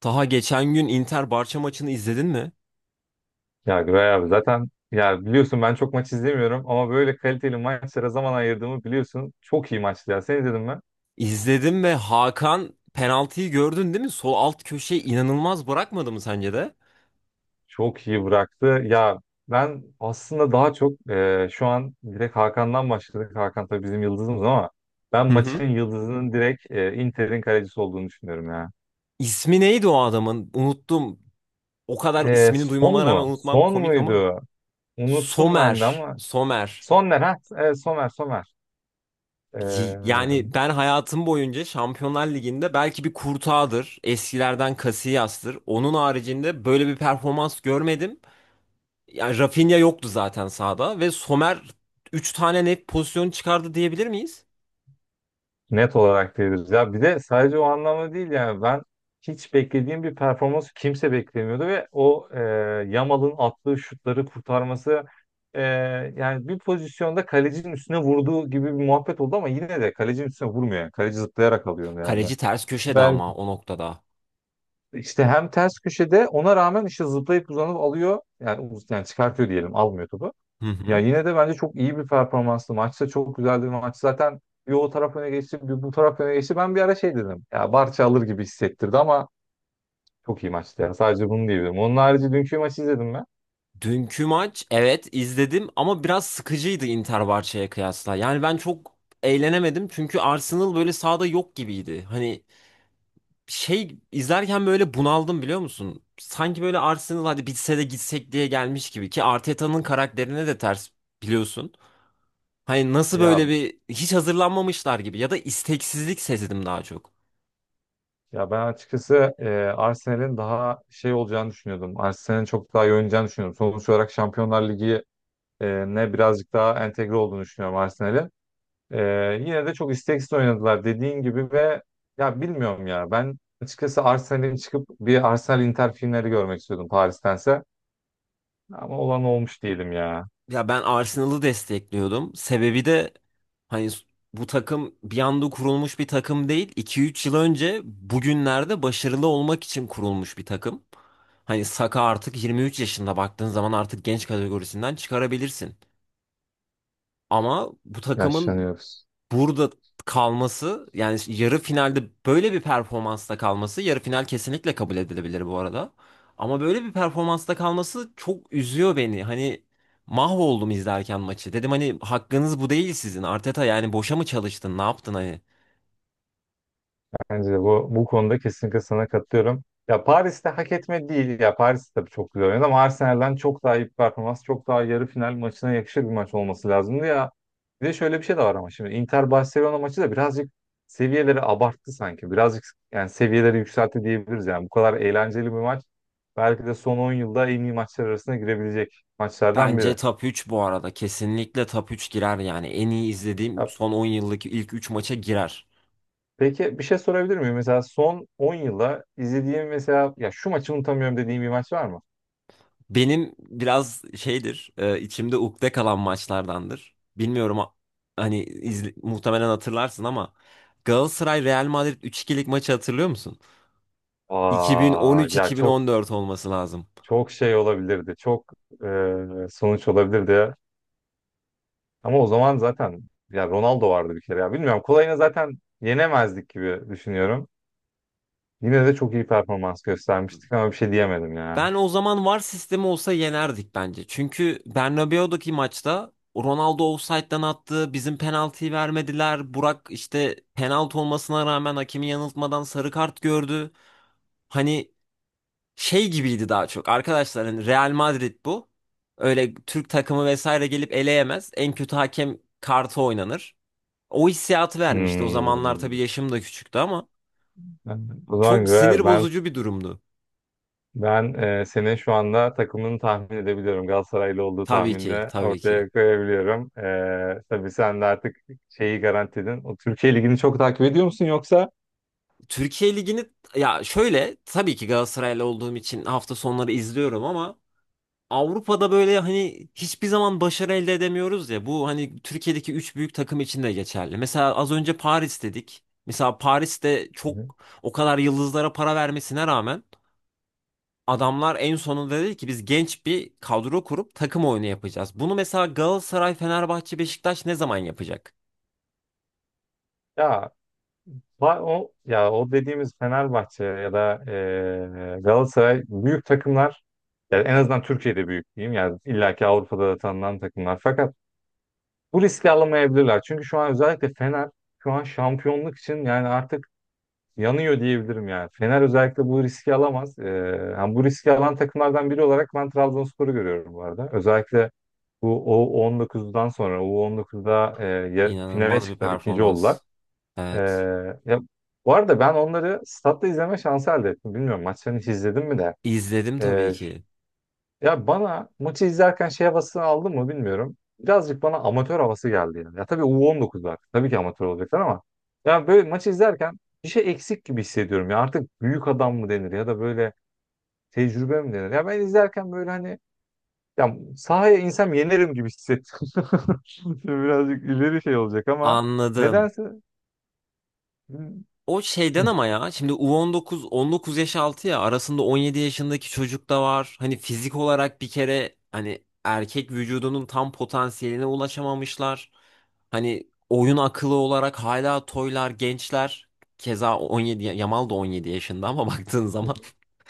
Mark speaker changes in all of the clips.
Speaker 1: Taha geçen gün Inter Barça maçını izledin mi?
Speaker 2: Ya Güray abi zaten ya biliyorsun ben çok maç izlemiyorum ama böyle kaliteli maçlara zaman ayırdığımı biliyorsun. Çok iyi maçtı ya. Sen izledin mi?
Speaker 1: İzledim ve Hakan penaltıyı gördün değil mi? Sol alt köşeyi inanılmaz bırakmadı mı sence de?
Speaker 2: Çok iyi bıraktı. Ya ben aslında daha çok şu an direkt Hakan'dan başladık. Hakan tabii bizim yıldızımız ama ben
Speaker 1: Hı hı.
Speaker 2: maçın yıldızının direkt Inter'in kalecisi olduğunu düşünüyorum ya.
Speaker 1: İsmi neydi o adamın? Unuttum. O kadar
Speaker 2: E,
Speaker 1: ismini
Speaker 2: son
Speaker 1: duymama rağmen
Speaker 2: mu?
Speaker 1: unutmam
Speaker 2: Son
Speaker 1: komik ama.
Speaker 2: muydu? Unuttum ben de
Speaker 1: Somer.
Speaker 2: ama
Speaker 1: Somer.
Speaker 2: Sonner ha. Evet, Somer. E,
Speaker 1: Yani ben hayatım boyunca Şampiyonlar Ligi'nde belki bir Courtois'dır. Eskilerden Casillas'tır. Onun haricinde böyle bir performans görmedim. Yani Rafinha yoktu zaten sahada ve Somer 3 tane net pozisyon çıkardı diyebilir miyiz?
Speaker 2: Net olarak diyoruz. Ya bir de sadece o anlamda değil yani ben hiç beklediğim bir performans kimse beklemiyordu ve o Yamal'ın attığı şutları kurtarması e, yani bir pozisyonda kalecinin üstüne vurduğu gibi bir muhabbet oldu ama yine de kalecinin üstüne vurmuyor. Yani. Kaleci zıplayarak alıyor onu yani.
Speaker 1: Kaleci ters köşede
Speaker 2: Ben
Speaker 1: ama o noktada.
Speaker 2: işte hem ters köşede ona rağmen işte zıplayıp uzanıp alıyor yani, yani çıkartıyor diyelim almıyor topu.
Speaker 1: Hı
Speaker 2: Ya
Speaker 1: hı.
Speaker 2: yine de bence çok iyi bir performanstı. Maçta çok güzeldi. Maç zaten bir o taraf öne geçti, bir bu taraf öne geçti. Ben bir ara şey dedim. Ya Barça alır gibi hissettirdi ama çok iyi maçtı ya. Sadece bunu diyebilirim. Onun harici dünkü maçı izledim mi?
Speaker 1: Dünkü maç, evet, izledim ama biraz sıkıcıydı Inter Barça'ya kıyasla. Yani ben çok eğlenemedim çünkü Arsenal böyle sahada yok gibiydi. Hani şey izlerken böyle bunaldım biliyor musun? Sanki böyle Arsenal hadi bitse de gitsek diye gelmiş gibi ki Arteta'nın karakterine de ters, biliyorsun. Hani nasıl böyle
Speaker 2: Ya
Speaker 1: bir hiç hazırlanmamışlar gibi ya da isteksizlik sezdim daha çok.
Speaker 2: ya ben açıkçası Arsenal'in daha şey olacağını düşünüyordum. Arsenal'in çok daha iyi oynayacağını düşünüyordum. Sonuç olarak Şampiyonlar Ligi ne birazcık daha entegre olduğunu düşünüyorum Arsenal'in. Yine de çok isteksiz oynadılar dediğin gibi ve ya bilmiyorum ya ben açıkçası Arsenal'in çıkıp bir Arsenal Inter filmleri görmek istiyordum Paris'tense ama olan olmuş diyelim ya.
Speaker 1: Ya ben Arsenal'ı destekliyordum. Sebebi de hani bu takım bir anda kurulmuş bir takım değil. 2 3 yıl önce bugünlerde başarılı olmak için kurulmuş bir takım. Hani Saka artık 23 yaşında, baktığın zaman artık genç kategorisinden çıkarabilirsin. Ama bu takımın
Speaker 2: Yaşlanıyoruz.
Speaker 1: burada kalması, yani yarı finalde böyle bir performansta kalması, yarı final kesinlikle kabul edilebilir bu arada. Ama böyle bir performansta kalması çok üzüyor beni. Hani mahvoldum izlerken maçı. Dedim hani hakkınız bu değil sizin. Arteta, yani boşa mı çalıştın? Ne yaptın hani?
Speaker 2: Bence de bu konuda kesinlikle sana katılıyorum. Ya Paris'te hak etme değil. Ya Paris tabii çok güzel oynadı ama Arsenal'den çok daha iyi bir performans, çok daha yarı final maçına yakışır bir maç olması lazımdı ya. Bir de şöyle bir şey de var ama şimdi Inter Barcelona maçı da birazcık seviyeleri abarttı sanki. Birazcık yani seviyeleri yükseltti diyebiliriz yani. Bu kadar eğlenceli bir maç belki de son 10 yılda en iyi maçlar arasına girebilecek maçlardan biri.
Speaker 1: Bence top 3 bu arada. Kesinlikle top 3 girer yani. En iyi izlediğim
Speaker 2: Ya
Speaker 1: son 10 yıldaki ilk 3 maça girer.
Speaker 2: peki bir şey sorabilir miyim? Mesela son 10 yılda izlediğim mesela ya şu maçı unutamıyorum dediğim bir maç var mı?
Speaker 1: Benim biraz şeydir, içimde ukde kalan maçlardandır. Bilmiyorum hani muhtemelen hatırlarsın ama Galatasaray Real Madrid üç 2'lik maçı hatırlıyor musun?
Speaker 2: Aa, ya çok
Speaker 1: 2013-2014 olması lazım.
Speaker 2: çok şey olabilirdi. Çok sonuç olabilirdi. Ama o zaman zaten ya Ronaldo vardı bir kere ya. Bilmiyorum kolayını zaten yenemezdik gibi düşünüyorum. Yine de çok iyi performans göstermiştik ama bir şey diyemedim ya.
Speaker 1: Ben o zaman VAR sistemi olsa yenerdik bence. Çünkü Bernabéu'daki maçta Ronaldo ofsayttan attı, bizim penaltıyı vermediler. Burak işte penaltı olmasına rağmen hakemi yanıltmadan sarı kart gördü. Hani şey gibiydi daha çok. Arkadaşlar hani Real Madrid bu. Öyle Türk takımı vesaire gelip eleyemez. En kötü hakem kartı oynanır. O hissiyatı vermişti. O zamanlar
Speaker 2: Hmm.
Speaker 1: tabii yaşım da küçüktü ama
Speaker 2: O zaman
Speaker 1: çok
Speaker 2: göre
Speaker 1: sinir
Speaker 2: ben
Speaker 1: bozucu bir durumdu.
Speaker 2: Ben senin şu anda takımını tahmin edebiliyorum. Galatasaraylı olduğu
Speaker 1: Tabii ki,
Speaker 2: tahminini
Speaker 1: tabii ki.
Speaker 2: ortaya koyabiliyorum. Tabii sen de artık şeyi garantiledin. O Türkiye Ligi'ni çok takip ediyor musun yoksa?
Speaker 1: Türkiye Ligi'ni, ya şöyle, tabii ki Galatasaraylı olduğum için hafta sonları izliyorum ama Avrupa'da böyle hani hiçbir zaman başarı elde edemiyoruz ya. Bu hani Türkiye'deki üç büyük takım için de geçerli. Mesela az önce Paris dedik. Mesela Paris'te çok,
Speaker 2: Hı.
Speaker 1: o kadar yıldızlara para vermesine rağmen, adamlar en sonunda dedi ki biz genç bir kadro kurup takım oyunu yapacağız. Bunu mesela Galatasaray, Fenerbahçe, Beşiktaş ne zaman yapacak?
Speaker 2: Ya Ya o dediğimiz Fenerbahçe ya da Galatasaray büyük takımlar yani en azından Türkiye'de büyük diyeyim yani illaki Avrupa'da da tanınan takımlar fakat bu riski alamayabilirler. Çünkü şu an özellikle Fener şu an şampiyonluk için yani artık yanıyor diyebilirim yani. Fener özellikle bu riski alamaz. Yani bu riski alan takımlardan biri olarak ben Trabzonspor'u görüyorum bu arada. Özellikle bu U19'dan sonra U19'da finale
Speaker 1: İnanılmaz bir
Speaker 2: çıktılar, ikinci oldular.
Speaker 1: performans.
Speaker 2: Ee,
Speaker 1: Evet.
Speaker 2: ya, Bu arada ben onları statta izleme şansı elde ettim. Bilmiyorum maçlarını hiç izledim mi de.
Speaker 1: İzledim tabii
Speaker 2: Ee,
Speaker 1: ki.
Speaker 2: Ya bana maçı izlerken şey havasını aldım mı bilmiyorum. Birazcık bana amatör havası geldi yani. Ya tabii U19'lar. Tabii ki amatör olacaklar ama. Ya böyle maçı izlerken bir şey eksik gibi hissediyorum. Ya artık büyük adam mı denir ya da böyle tecrübe mi denir? Ya ben izlerken böyle hani ya sahaya insem yenerim gibi hissettim. Şimdi birazcık ileri şey olacak ama
Speaker 1: Anladım.
Speaker 2: nedense Hı.
Speaker 1: O şeyden ama ya şimdi U19, 19 yaş altı ya, arasında 17 yaşındaki çocuk da var. Hani fizik olarak bir kere hani erkek vücudunun tam potansiyeline ulaşamamışlar. Hani oyun akıllı olarak hala toylar, gençler. Keza 17 Yamal da 17 yaşında ama baktığın zaman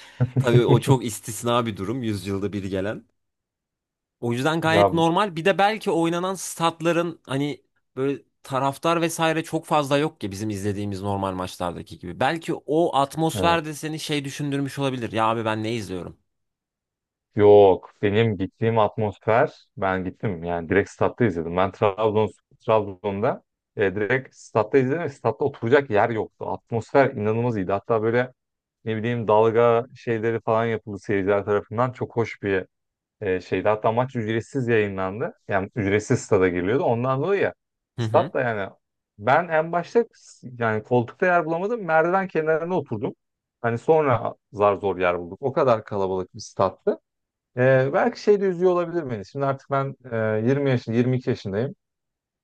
Speaker 1: tabii o çok istisna bir durum, yüzyılda bir gelen. O yüzden
Speaker 2: Ya
Speaker 1: gayet normal. Bir de belki oynanan statların hani böyle taraftar vesaire çok fazla yok ki bizim izlediğimiz normal maçlardaki gibi. Belki o
Speaker 2: Evet.
Speaker 1: atmosfer de seni şey düşündürmüş olabilir. Ya abi ben ne izliyorum?
Speaker 2: Yok. Benim gittiğim atmosfer ben gittim yani direkt statta izledim. Ben Trabzon Trabzon'da direkt statta izledim. Ve Statta oturacak yer yoktu. Atmosfer inanılmaz iyiydi. Hatta böyle ne bileyim dalga şeyleri falan yapıldı seyirciler tarafından. Çok hoş bir şeydi. Hatta maç ücretsiz yayınlandı. Yani ücretsiz stada giriliyordu. Ondan dolayı ya
Speaker 1: Hı hı.
Speaker 2: stat da yani ben en başta yani koltukta yer bulamadım. Merdiven kenarına oturdum. Hani sonra zar zor yer bulduk. O kadar kalabalık bir stattı. Belki şey de üzüyor olabilir beni. Şimdi artık ben 20 yaşında, 22 yaşındayım.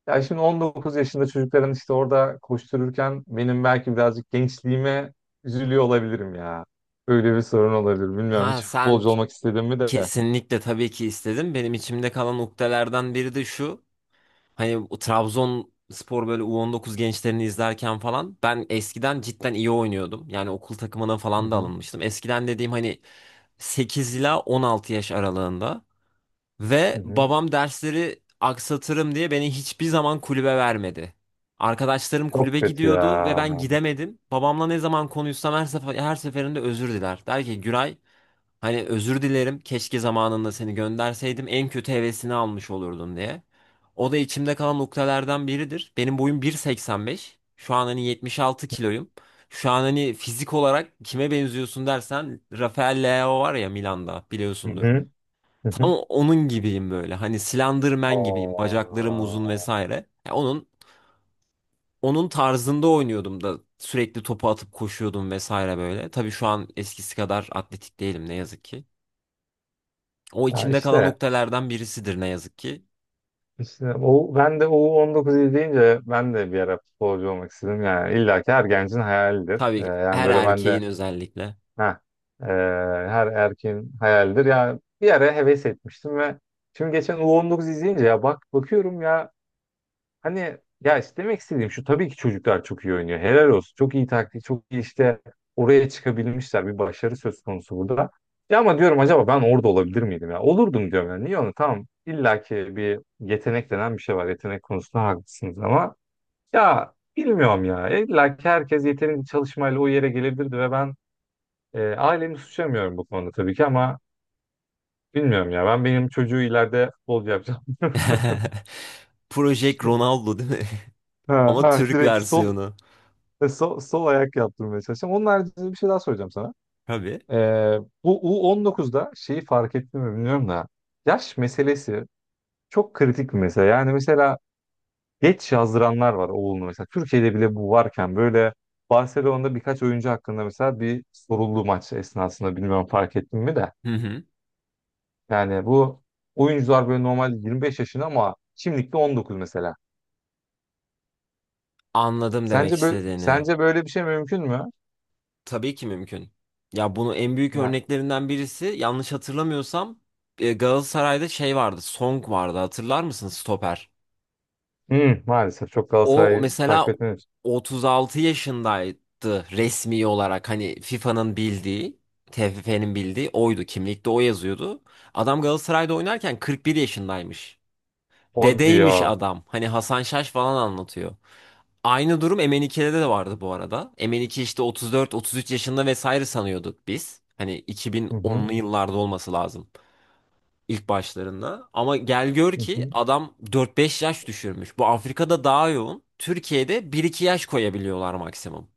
Speaker 2: Ya şimdi 19 yaşında çocukların işte orada koştururken benim belki birazcık gençliğime üzülüyor olabilirim ya. Öyle bir sorun olabilir. Bilmiyorum
Speaker 1: Ha
Speaker 2: hiç
Speaker 1: sen,
Speaker 2: futbolcu olmak istedim mi de.
Speaker 1: kesinlikle tabii ki istedim. Benim içimde kalan ukdelerden biri de şu. Hani o Trabzonspor böyle U19 gençlerini izlerken falan ben eskiden cidden iyi oynuyordum. Yani okul takımına
Speaker 2: Hı
Speaker 1: falan da
Speaker 2: hı,
Speaker 1: alınmıştım. Eskiden dediğim hani 8 ila 16 yaş aralığında. Ve
Speaker 2: hı hı.
Speaker 1: babam dersleri aksatırım diye beni hiçbir zaman kulübe vermedi. Arkadaşlarım
Speaker 2: Çok
Speaker 1: kulübe
Speaker 2: kötü
Speaker 1: gidiyordu ve
Speaker 2: ya.
Speaker 1: ben gidemedim. Babamla ne zaman konuşsam her sefer, her seferinde özür diler. Der ki Güray, hani özür dilerim, keşke zamanında seni gönderseydim, en kötü hevesini almış olurdun diye. O da içimde kalan noktalardan biridir. Benim boyum 1,85. Şu an hani 76 kiloyum. Şu an hani fizik olarak kime benziyorsun dersen, Rafael Leao var ya Milan'da,
Speaker 2: Hı
Speaker 1: biliyorsundur.
Speaker 2: hı, hı
Speaker 1: Tam
Speaker 2: hı.
Speaker 1: onun gibiyim böyle. Hani Slenderman gibiyim. Bacaklarım uzun
Speaker 2: Oo.
Speaker 1: vesaire. Ya onun tarzında oynuyordum da sürekli topu atıp koşuyordum vesaire böyle. Tabii şu an eskisi kadar atletik değilim ne yazık ki. O
Speaker 2: Ya
Speaker 1: içimde kalan
Speaker 2: işte
Speaker 1: noktalardan birisidir ne yazık ki.
Speaker 2: işte o ben de o 19 deyince ben de bir ara futbolcu olmak istedim yani illa ki her gencin hayalidir.
Speaker 1: Tabii,
Speaker 2: Yani
Speaker 1: her
Speaker 2: böyle ben de
Speaker 1: erkeğin özellikle.
Speaker 2: Ha, e, her erkeğin hayalidir. Ya bir ara heves etmiştim ve şimdi geçen U19 izleyince ya bak bakıyorum ya hani ya işte demek istediğim şu tabii ki çocuklar çok iyi oynuyor. Helal olsun. Çok iyi taktik, çok iyi işte oraya çıkabilmişler. Bir başarı söz konusu burada. Ya ama diyorum acaba ben orada olabilir miydim ya? Olurdum diyorum yani. Niye onu? Tamam. İlla ki bir yetenek denen bir şey var. Yetenek konusunda haklısınız ama ya bilmiyorum ya. İlla ki herkes yetenekli çalışmayla o yere gelebilirdi ve ben ailemi suçlamıyorum bu konuda tabii ki ama bilmiyorum ya. Ben benim çocuğu ileride futbolcu yapacağım.
Speaker 1: Project Ronaldo değil mi?
Speaker 2: Ha,
Speaker 1: Ama
Speaker 2: ha,
Speaker 1: Türk
Speaker 2: direkt sol,
Speaker 1: versiyonu.
Speaker 2: e, sol sol ayak yaptırmaya çalışacağım. Onun haricinde bir şey daha soracağım sana.
Speaker 1: Tabii.
Speaker 2: Ee, Bu U19'da şeyi fark ettim mi bilmiyorum da yaş meselesi çok kritik bir mesele. Yani mesela geç yazdıranlar var oğlunu mesela. Türkiye'de bile bu varken böyle Barcelona'da birkaç oyuncu hakkında mesela bir soruldu maç esnasında bilmiyorum fark ettim mi de.
Speaker 1: Hı hı.
Speaker 2: Yani bu oyuncular böyle normalde 25 yaşında ama şimdilikte 19 mesela.
Speaker 1: Anladım demek
Speaker 2: Sence böyle
Speaker 1: istediğini.
Speaker 2: sence böyle bir şey mümkün mü?
Speaker 1: Tabii ki mümkün. Ya bunu en büyük
Speaker 2: Ya
Speaker 1: örneklerinden birisi, yanlış hatırlamıyorsam, Galatasaray'da şey vardı. Song vardı. Hatırlar mısın, stoper?
Speaker 2: hı, maalesef çok
Speaker 1: O
Speaker 2: Galatasaray'ı takip
Speaker 1: mesela
Speaker 2: etmiyoruz.
Speaker 1: 36 yaşındaydı resmi olarak, hani FIFA'nın bildiği, TFF'nin bildiği oydu. Kimlikte o yazıyordu. Adam Galatasaray'da oynarken 41 yaşındaymış.
Speaker 2: Hadi
Speaker 1: Dedeymiş
Speaker 2: ya.
Speaker 1: adam. Hani Hasan Şaş falan anlatıyor. Aynı durum MN2'de de vardı bu arada. MN2 işte 34-33 yaşında vesaire sanıyorduk biz. Hani
Speaker 2: Hı hı,
Speaker 1: 2010'lu yıllarda olması lazım ilk başlarında. Ama gel gör
Speaker 2: hı
Speaker 1: ki
Speaker 2: hı.
Speaker 1: adam 4-5 yaş düşürmüş. Bu Afrika'da daha yoğun. Türkiye'de bir iki yaş koyabiliyorlar maksimum.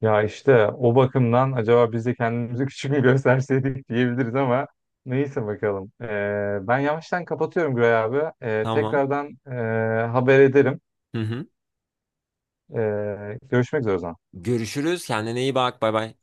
Speaker 2: Ya işte o bakımdan acaba biz de kendimizi küçük mü gösterseydik diyebiliriz ama neyse bakalım. Ben yavaştan kapatıyorum Güray abi. Ee,
Speaker 1: Tamam.
Speaker 2: tekrardan ee, haber ederim.
Speaker 1: Hı hı.
Speaker 2: Görüşmek üzere o zaman.
Speaker 1: Görüşürüz. Kendine iyi bak. Bay bay.